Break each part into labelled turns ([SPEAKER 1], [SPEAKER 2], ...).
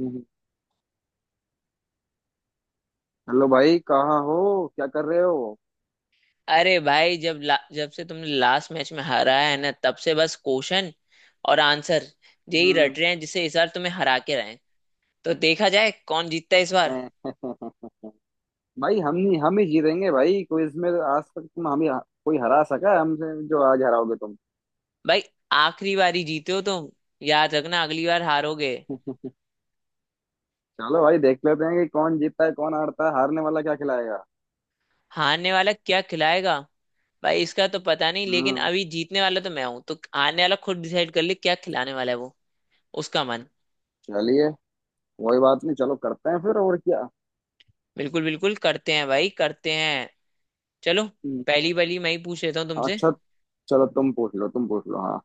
[SPEAKER 1] हम्म। Hello भाई कहाँ हो? क्या कर रहे हो?
[SPEAKER 2] अरे भाई जब से तुमने लास्ट मैच में हारा है ना, तब से बस क्वेश्चन और आंसर यही
[SPEAKER 1] हम्म।
[SPEAKER 2] रट रहे हैं जिससे इस बार तुम्हें हरा के रहे हैं। तो देखा जाए कौन जीतता है इस बार।
[SPEAKER 1] भाई हम नहीं, हम ही जीतेंगे। भाई क्विज में तो आज तक तुम, हम ही। कोई हरा सका है हमसे जो आज हराओगे तुम?
[SPEAKER 2] भाई आखिरी बारी जीते हो तुम, याद रखना अगली बार हारोगे।
[SPEAKER 1] चलो भाई देख लेते हैं कि कौन जीतता है कौन हारता है। हारने वाला क्या खिलाएगा?
[SPEAKER 2] हारने वाला क्या खिलाएगा? भाई इसका तो पता नहीं, लेकिन
[SPEAKER 1] हम्म।
[SPEAKER 2] अभी जीतने वाला तो मैं हूं, तो हारने वाला खुद डिसाइड कर ले क्या खिलाने वाला है वो, उसका मन।
[SPEAKER 1] चलिए, कोई बात नहीं। चलो करते हैं फिर, और क्या।
[SPEAKER 2] बिल्कुल बिल्कुल, करते हैं भाई, करते हैं। चलो,
[SPEAKER 1] हम्म,
[SPEAKER 2] पहली वाली मैं ही पूछ लेता हूँ तुमसे।
[SPEAKER 1] अच्छा। चलो तुम पूछ लो, तुम पूछ लो। हाँ,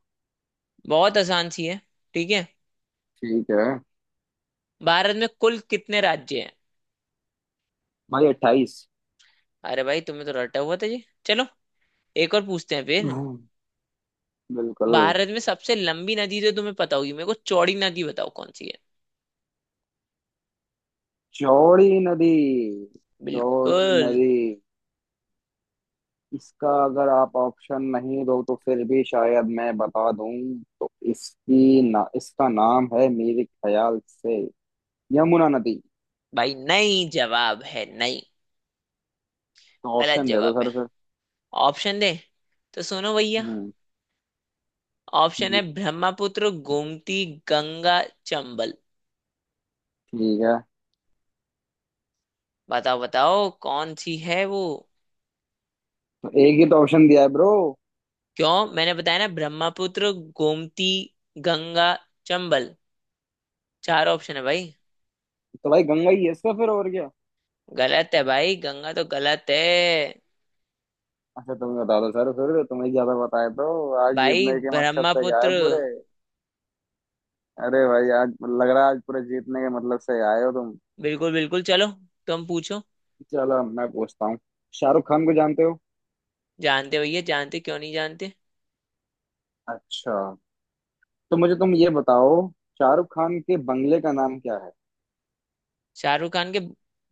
[SPEAKER 2] बहुत आसान सी है, ठीक है?
[SPEAKER 1] ठीक है।
[SPEAKER 2] भारत में कुल कितने राज्य हैं?
[SPEAKER 1] भाई अट्ठाईस।
[SPEAKER 2] अरे भाई, तुम्हें तो रटा हुआ था जी। चलो एक और पूछते हैं फिर।
[SPEAKER 1] हम्म, बिल्कुल।
[SPEAKER 2] भारत में सबसे लंबी नदी तो तुम्हें पता होगी, मेरे को चौड़ी नदी बताओ कौन सी है।
[SPEAKER 1] चौड़ी नदी। चौड़ी
[SPEAKER 2] बिल्कुल।
[SPEAKER 1] नदी। इसका अगर आप ऑप्शन नहीं दो तो फिर भी शायद मैं बता दूं। तो इसकी ना, इसका नाम है मेरे ख्याल से यमुना नदी।
[SPEAKER 2] भाई नहीं, जवाब है नहीं,
[SPEAKER 1] तो
[SPEAKER 2] गलत
[SPEAKER 1] ऑप्शन दे दो
[SPEAKER 2] जवाब है।
[SPEAKER 1] सर फिर।
[SPEAKER 2] ऑप्शन दे? तो सुनो भैया,
[SPEAKER 1] हम्म।
[SPEAKER 2] ऑप्शन है
[SPEAKER 1] जी,
[SPEAKER 2] ब्रह्मपुत्र, गोमती, गंगा, चंबल।
[SPEAKER 1] ठीक है।
[SPEAKER 2] बताओ बताओ कौन सी है वो।
[SPEAKER 1] तो एक ही तो ऑप्शन दिया है ब्रो।
[SPEAKER 2] क्यों, मैंने बताया ना, ब्रह्मपुत्र, गोमती, गंगा, चंबल, चार ऑप्शन है भाई।
[SPEAKER 1] तो भाई गंगा ही है इसका फिर, और क्या।
[SPEAKER 2] गलत है भाई, गंगा तो गलत है।
[SPEAKER 1] अच्छा तुम ही बता दो सर फिर। तुम्हें ज्यादा बताए तो, आज
[SPEAKER 2] भाई
[SPEAKER 1] जीतने के मकसद से ही आए
[SPEAKER 2] ब्रह्मपुत्र।
[SPEAKER 1] पूरे। अरे भाई आज, लग रहा है आज पूरे जीतने के मतलब से ही आए हो तुम।
[SPEAKER 2] बिल्कुल बिल्कुल, चलो तुम पूछो।
[SPEAKER 1] चलो मैं पूछता हूँ। शाहरुख खान को जानते हो?
[SPEAKER 2] जानते भैया, जानते क्यों नहीं जानते।
[SPEAKER 1] अच्छा, तो मुझे तुम ये बताओ, शाहरुख खान के बंगले का नाम क्या है?
[SPEAKER 2] शाहरुख खान के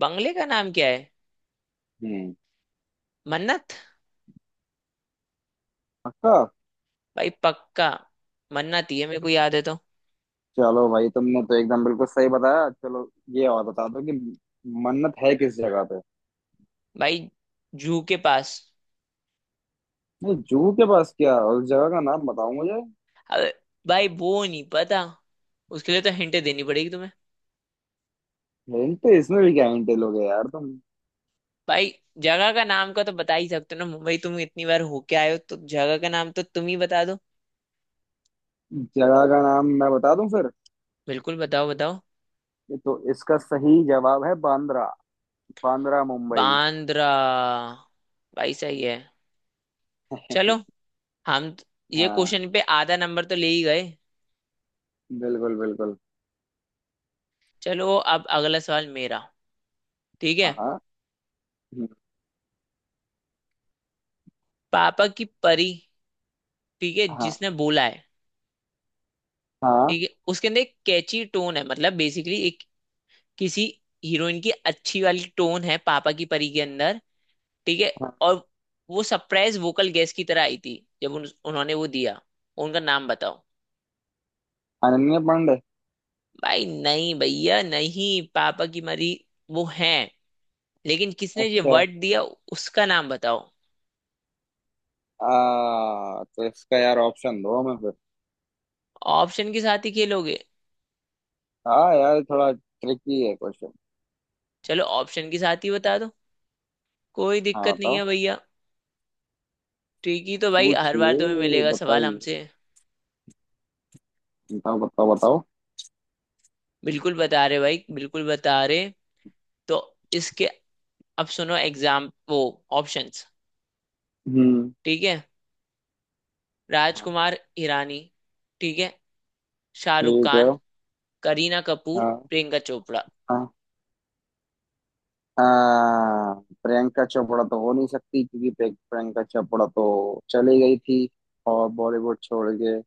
[SPEAKER 2] बंगले का नाम क्या है?
[SPEAKER 1] हम्म।
[SPEAKER 2] मन्नत।
[SPEAKER 1] पक्का?
[SPEAKER 2] भाई पक्का, मन्नत ही है, मेरे को याद है तो।
[SPEAKER 1] चलो भाई तुमने तो एकदम बिल्कुल सही बताया। चलो ये और बता दो कि मन्नत है किस जगह पे?
[SPEAKER 2] भाई जू के पास।
[SPEAKER 1] नहीं, जूहू के पास क्या? उस जगह का नाम बताओ मुझे।
[SPEAKER 2] अबे भाई वो नहीं पता, उसके लिए तो हिंट देनी पड़ेगी तुम्हें।
[SPEAKER 1] हिंट तो इसमें भी क्या हिंट लोगे यार तुम।
[SPEAKER 2] भाई जगह का नाम का तो बता ही सकते हो ना, मुंबई तुम इतनी बार होके आए हो, तो जगह का नाम तो तुम ही बता दो।
[SPEAKER 1] जगह का नाम मैं बता दूं फिर?
[SPEAKER 2] बिल्कुल बताओ बताओ।
[SPEAKER 1] ये तो इसका सही जवाब है बांद्रा। बांद्रा मुंबई।
[SPEAKER 2] बांद्रा। भाई सही है। चलो, हम त- ये
[SPEAKER 1] हाँ,
[SPEAKER 2] क्वेश्चन पे आधा नंबर तो ले ही गए।
[SPEAKER 1] बिल्कुल बिल्कुल।
[SPEAKER 2] चलो अब अगला सवाल मेरा, ठीक
[SPEAKER 1] हाँ
[SPEAKER 2] है।
[SPEAKER 1] हाँ। हम्म,
[SPEAKER 2] पापा की परी, ठीक है
[SPEAKER 1] हाँ।
[SPEAKER 2] जिसने बोला है,
[SPEAKER 1] हाँ।
[SPEAKER 2] ठीक है, उसके अंदर एक कैची टोन है, मतलब बेसिकली एक किसी हीरोइन की अच्छी वाली टोन है पापा की परी के अंदर, ठीक है।
[SPEAKER 1] हाँ,
[SPEAKER 2] और वो सरप्राइज वोकल गेस्ट की तरह आई थी, जब उन्होंने वो दिया। उनका नाम बताओ।
[SPEAKER 1] अनन्या पांडे।
[SPEAKER 2] भाई नहीं, भैया नहीं। पापा की मरी वो है, लेकिन किसने ये
[SPEAKER 1] अच्छा।
[SPEAKER 2] वर्ड दिया, उसका नाम बताओ।
[SPEAKER 1] तो इसका यार ऑप्शन दो हमें फिर।
[SPEAKER 2] ऑप्शन के साथ ही खेलोगे?
[SPEAKER 1] हाँ यार थोड़ा ट्रिकी है क्वेश्चन।
[SPEAKER 2] चलो ऑप्शन के साथ ही बता दो, कोई
[SPEAKER 1] हाँ
[SPEAKER 2] दिक्कत नहीं
[SPEAKER 1] बताओ।
[SPEAKER 2] है भैया। ट्रिकी तो भाई हर बार तुम्हें
[SPEAKER 1] पूछिए,
[SPEAKER 2] मिलेगा सवाल
[SPEAKER 1] बताइए।
[SPEAKER 2] हमसे।
[SPEAKER 1] बताओ बताओ बताओ।
[SPEAKER 2] बिल्कुल बता रहे भाई, बिल्कुल बता रहे। तो इसके, अब सुनो एग्जाम वो, ऑप्शंस,
[SPEAKER 1] हम्म।
[SPEAKER 2] ठीक है।
[SPEAKER 1] हाँ,
[SPEAKER 2] राजकुमार हिरानी, ठीक है। शाहरुख
[SPEAKER 1] ठीक है।
[SPEAKER 2] खान, करीना कपूर,
[SPEAKER 1] हाँ।
[SPEAKER 2] प्रियंका चोपड़ा।
[SPEAKER 1] हाँ। हाँ, प्रियंका चोपड़ा तो हो नहीं सकती क्योंकि प्रियंका चोपड़ा तो चली गई थी और, बॉलीवुड छोड़ के।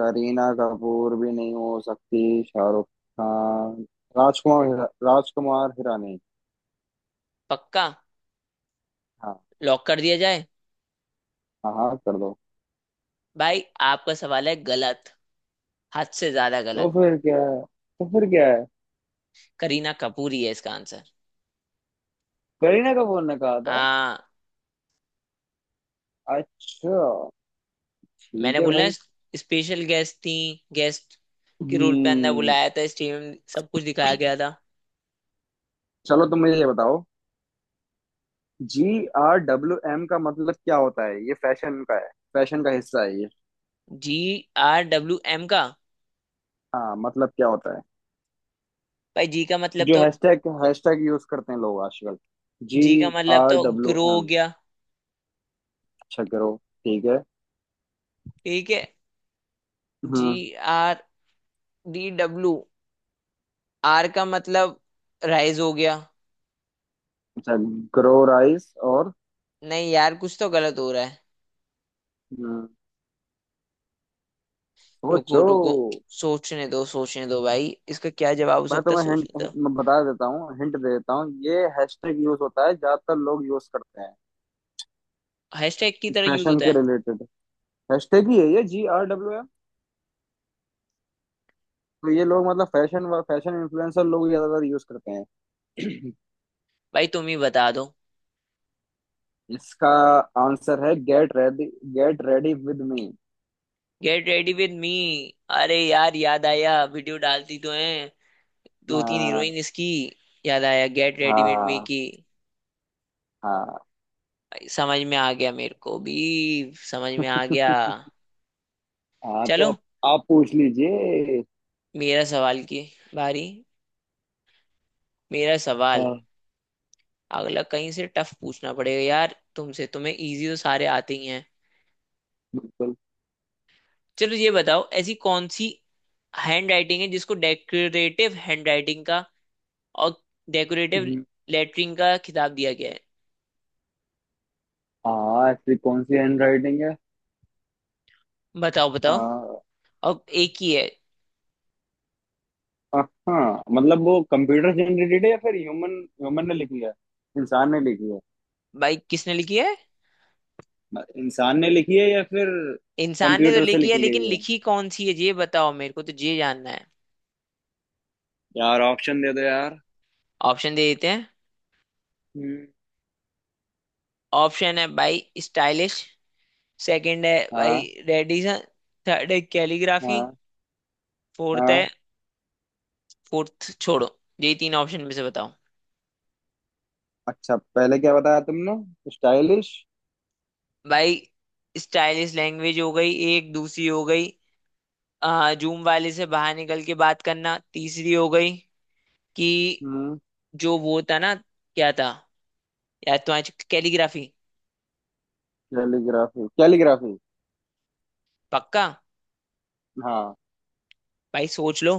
[SPEAKER 1] करीना कपूर भी नहीं हो सकती। शाहरुख खान, राजकुमार हिरानी।
[SPEAKER 2] पक्का?
[SPEAKER 1] हाँ।
[SPEAKER 2] लॉक कर दिया जाए?
[SPEAKER 1] हाँ हाँ कर दो।
[SPEAKER 2] भाई आपका सवाल है गलत, हद से ज्यादा
[SPEAKER 1] तो
[SPEAKER 2] गलत।
[SPEAKER 1] फिर क्या है, तो फिर क्या है?
[SPEAKER 2] करीना कपूर ही है इसका आंसर।
[SPEAKER 1] करीना कपूर ने कहा था?
[SPEAKER 2] आ,
[SPEAKER 1] अच्छा, ठीक
[SPEAKER 2] मैंने
[SPEAKER 1] है
[SPEAKER 2] बोला
[SPEAKER 1] भाई।
[SPEAKER 2] स्पेशल गेस्ट थी, गेस्ट के रोल पे अंदर
[SPEAKER 1] हम्म।
[SPEAKER 2] बुलाया था, स्टेडियम सब कुछ दिखाया गया था।
[SPEAKER 1] चलो तुम मुझे ये बताओ, जी आर डब्ल्यू एम का मतलब क्या होता है? ये फैशन का है, फैशन का हिस्सा है ये।
[SPEAKER 2] जी आर डब्ल्यू एम का?
[SPEAKER 1] हाँ, मतलब क्या होता है?
[SPEAKER 2] भाई जी का मतलब
[SPEAKER 1] जो
[SPEAKER 2] तो,
[SPEAKER 1] हैशटैग हैशटैग यूज करते हैं लोग आजकल। जी
[SPEAKER 2] जी का मतलब
[SPEAKER 1] आर
[SPEAKER 2] तो
[SPEAKER 1] डब्ल्यू
[SPEAKER 2] ग्रो हो
[SPEAKER 1] एम।
[SPEAKER 2] गया।
[SPEAKER 1] अच्छा, ग्रो। ठीक है।
[SPEAKER 2] ठीक है। जी
[SPEAKER 1] हम्म।
[SPEAKER 2] आर डी डब्ल्यू, आर का मतलब राइज हो गया।
[SPEAKER 1] अच्छा, ग्रो राइस और?
[SPEAKER 2] नहीं यार, कुछ तो गलत हो रहा है।
[SPEAKER 1] हम्म,
[SPEAKER 2] रुको
[SPEAKER 1] सोचो।
[SPEAKER 2] रुको, सोचने दो भाई, इसका क्या जवाब हो
[SPEAKER 1] मैं
[SPEAKER 2] सकता है,
[SPEAKER 1] तुम्हें हिंट
[SPEAKER 2] सोचने दो।
[SPEAKER 1] मैं बता देता हूँ, हिंट दे देता हूँ। ये हैशटैग यूज होता है, ज्यादातर लोग यूज करते हैं।
[SPEAKER 2] हैशटैग की तरह यूज
[SPEAKER 1] फैशन
[SPEAKER 2] होता
[SPEAKER 1] के
[SPEAKER 2] है?
[SPEAKER 1] रिलेटेड हैशटैग ही है ये, जी आर डब्ल्यू एम। तो ये लोग मतलब फैशन इन्फ्लुएंसर लोग ज्यादातर यूज करते हैं।
[SPEAKER 2] भाई तुम ही बता दो।
[SPEAKER 1] इसका आंसर है get ready, get ready with me.
[SPEAKER 2] Get ready with me. अरे यार याद आया, वीडियो डालती तो है दो तीन
[SPEAKER 1] हाँ।
[SPEAKER 2] हीरोइन इसकी। याद आया गेट रेडी विद मी
[SPEAKER 1] हाँ।
[SPEAKER 2] की।
[SPEAKER 1] हाँ।
[SPEAKER 2] समझ में आ गया मेरे को भी, समझ में आ गया।
[SPEAKER 1] हाँ, तो
[SPEAKER 2] चलो
[SPEAKER 1] आप पूछ लीजिए।
[SPEAKER 2] मेरा सवाल की बारी, मेरा सवाल।
[SPEAKER 1] हाँ,
[SPEAKER 2] अगला कहीं से टफ पूछना पड़ेगा यार तुमसे, तुम्हें इजी तो सारे आते ही हैं।
[SPEAKER 1] बिल्कुल।
[SPEAKER 2] चलो ये बताओ, ऐसी कौन सी हैंड राइटिंग है जिसको डेकोरेटिव हैंड राइटिंग का और डेकोरेटिव
[SPEAKER 1] हम्म,
[SPEAKER 2] लेटरिंग का खिताब दिया गया है।
[SPEAKER 1] हाँ। ऐसी कौन सी हैंड राइटिंग है?
[SPEAKER 2] बताओ बताओ।
[SPEAKER 1] हाँ।
[SPEAKER 2] अब एक ही है।
[SPEAKER 1] हाँ मतलब वो कंप्यूटर जनरेटेड है या फिर ह्यूमन, ह्यूमन ने लिखी है, इंसान ने लिखी है?
[SPEAKER 2] भाई किसने लिखी है?
[SPEAKER 1] इंसान ने लिखी है या फिर
[SPEAKER 2] इंसान ने तो
[SPEAKER 1] कंप्यूटर से
[SPEAKER 2] लिखी है,
[SPEAKER 1] लिखी
[SPEAKER 2] लेकिन
[SPEAKER 1] गई है?
[SPEAKER 2] लिखी कौन सी है ये बताओ, मेरे को तो ये जानना है।
[SPEAKER 1] यार ऑप्शन दे दो यार।
[SPEAKER 2] ऑप्शन दे देते हैं।
[SPEAKER 1] हम्म।
[SPEAKER 2] ऑप्शन है भाई स्टाइलिश, सेकंड है भाई
[SPEAKER 1] हाँ।
[SPEAKER 2] रेडिसन, थर्ड है कैलीग्राफी,
[SPEAKER 1] हाँ।
[SPEAKER 2] फोर्थ है,
[SPEAKER 1] हाँ।
[SPEAKER 2] फोर्थ छोड़ो, यही तीन ऑप्शन में से बताओ।
[SPEAKER 1] अच्छा पहले क्या बताया तुमने, स्टाइलिश?
[SPEAKER 2] भाई स्टाइलिश लैंग्वेज हो गई एक, दूसरी हो गई जूम वाले से बाहर निकल के बात करना, तीसरी हो गई कि
[SPEAKER 1] हम्म।
[SPEAKER 2] जो वो था ना क्या था, यार तुम्हारी कैलीग्राफी।
[SPEAKER 1] Calligraphy, calligraphy.
[SPEAKER 2] पक्का?
[SPEAKER 1] हाँ,
[SPEAKER 2] भाई सोच लो।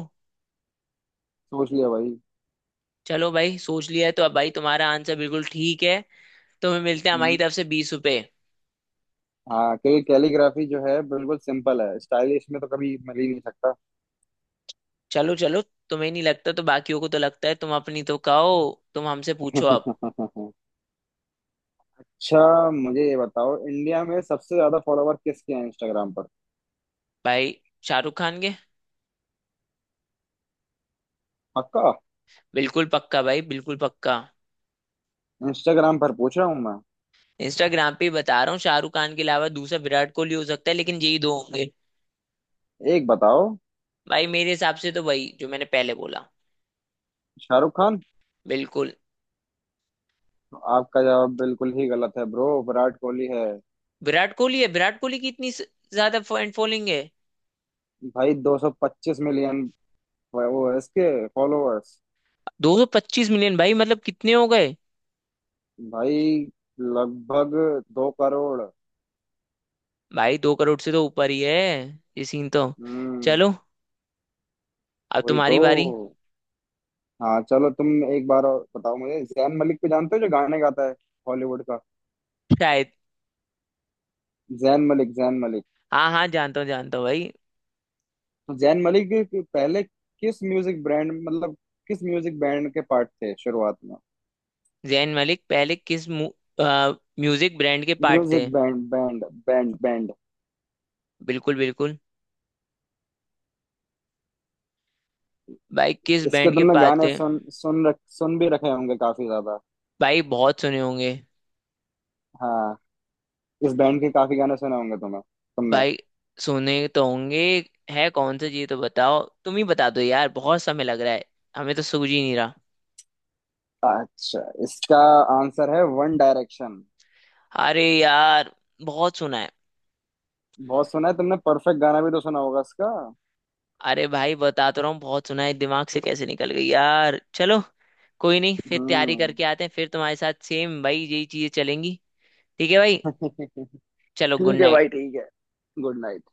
[SPEAKER 1] सोच लिया भाई।
[SPEAKER 2] चलो भाई, सोच लिया है तो अब, भाई तुम्हारा आंसर बिल्कुल ठीक है। तुम्हें मिलते हैं हमारी
[SPEAKER 1] हम्म।
[SPEAKER 2] तरफ से 20 रुपए।
[SPEAKER 1] हाँ, क्योंकि कैलीग्राफी जो है बिल्कुल सिंपल है, स्टाइलिश में तो कभी मिल ही नहीं सकता।
[SPEAKER 2] चलो चलो, तुम्हें नहीं लगता तो बाकियों को तो लगता है, तुम अपनी तो खाओ। तुम हमसे पूछो अब।
[SPEAKER 1] अच्छा मुझे ये बताओ, इंडिया में सबसे ज्यादा फॉलोवर किसके हैं इंस्टाग्राम पर?
[SPEAKER 2] भाई शाहरुख खान के।
[SPEAKER 1] पक्का?
[SPEAKER 2] बिल्कुल पक्का भाई, बिल्कुल पक्का।
[SPEAKER 1] इंस्टाग्राम पर पूछ रहा हूँ मैं।
[SPEAKER 2] इंस्टाग्राम पे ही बता रहा हूँ, शाहरुख खान के अलावा दूसरा विराट कोहली हो सकता है, लेकिन यही दो होंगे।
[SPEAKER 1] एक बताओ।
[SPEAKER 2] भाई मेरे हिसाब से तो वही जो मैंने पहले बोला।
[SPEAKER 1] शाहरुख खान?
[SPEAKER 2] बिल्कुल।
[SPEAKER 1] आपका जवाब बिल्कुल ही गलत है ब्रो। विराट कोहली है।
[SPEAKER 2] विराट कोहली है, विराट कोहली की इतनी ज्यादा फैन फॉलोइंग है।
[SPEAKER 1] भाई 225 मिलियन वो है इसके फॉलोअर्स।
[SPEAKER 2] 225 मिलियन भाई मतलब कितने हो गए?
[SPEAKER 1] भाई लगभग दो करोड़।
[SPEAKER 2] भाई दो करोड़ से तो ऊपर ही है ये सीन तो।
[SPEAKER 1] हम्म।
[SPEAKER 2] चलो अब
[SPEAKER 1] वही तो।
[SPEAKER 2] तुम्हारी बारी।
[SPEAKER 1] हाँ चलो तुम। एक बार और बताओ मुझे, जैन मलिक को जानते हो जो गाने गाता है हॉलीवुड का?
[SPEAKER 2] शायद।
[SPEAKER 1] जैन मलिक, जैन मलिक।
[SPEAKER 2] हाँ हाँ जानता हूँ, जानता हूँ भाई।
[SPEAKER 1] तो जैन मलिक के पहले किस म्यूजिक ब्रांड मतलब किस म्यूजिक बैंड के पार्ट थे शुरुआत में?
[SPEAKER 2] जैन मलिक पहले अ, म्यूजिक ब्रांड के पार्ट थे?
[SPEAKER 1] Music band band band band.
[SPEAKER 2] बिल्कुल बिल्कुल। भाई किस
[SPEAKER 1] इसके
[SPEAKER 2] बैंड के
[SPEAKER 1] तुमने
[SPEAKER 2] पार्ट
[SPEAKER 1] गाने
[SPEAKER 2] थे?
[SPEAKER 1] सुन सुन रख सुन भी रखे होंगे काफी ज्यादा।
[SPEAKER 2] भाई बहुत सुने होंगे।
[SPEAKER 1] हाँ, इस बैंड के काफी गाने सुने होंगे तुम्हें, तुमने।
[SPEAKER 2] भाई सुने तो होंगे, है कौन सा ये तो बताओ, तुम ही बता दो यार, बहुत समय लग रहा है, हमें तो सूझ ही नहीं रहा।
[SPEAKER 1] अच्छा, इसका आंसर है वन डायरेक्शन।
[SPEAKER 2] अरे यार बहुत सुना है।
[SPEAKER 1] बहुत सुना है तुमने? परफेक्ट गाना भी तो सुना होगा इसका।
[SPEAKER 2] अरे भाई बता तो रहा हूँ बहुत सुना है, दिमाग से कैसे निकल गई यार। चलो कोई नहीं, फिर तैयारी
[SPEAKER 1] हम्म।
[SPEAKER 2] करके आते हैं, फिर तुम्हारे साथ सेम भाई यही चीजें चलेंगी। ठीक है भाई।
[SPEAKER 1] ठीक
[SPEAKER 2] चलो गुड
[SPEAKER 1] है
[SPEAKER 2] नाइट।
[SPEAKER 1] भाई, ठीक है। Good night.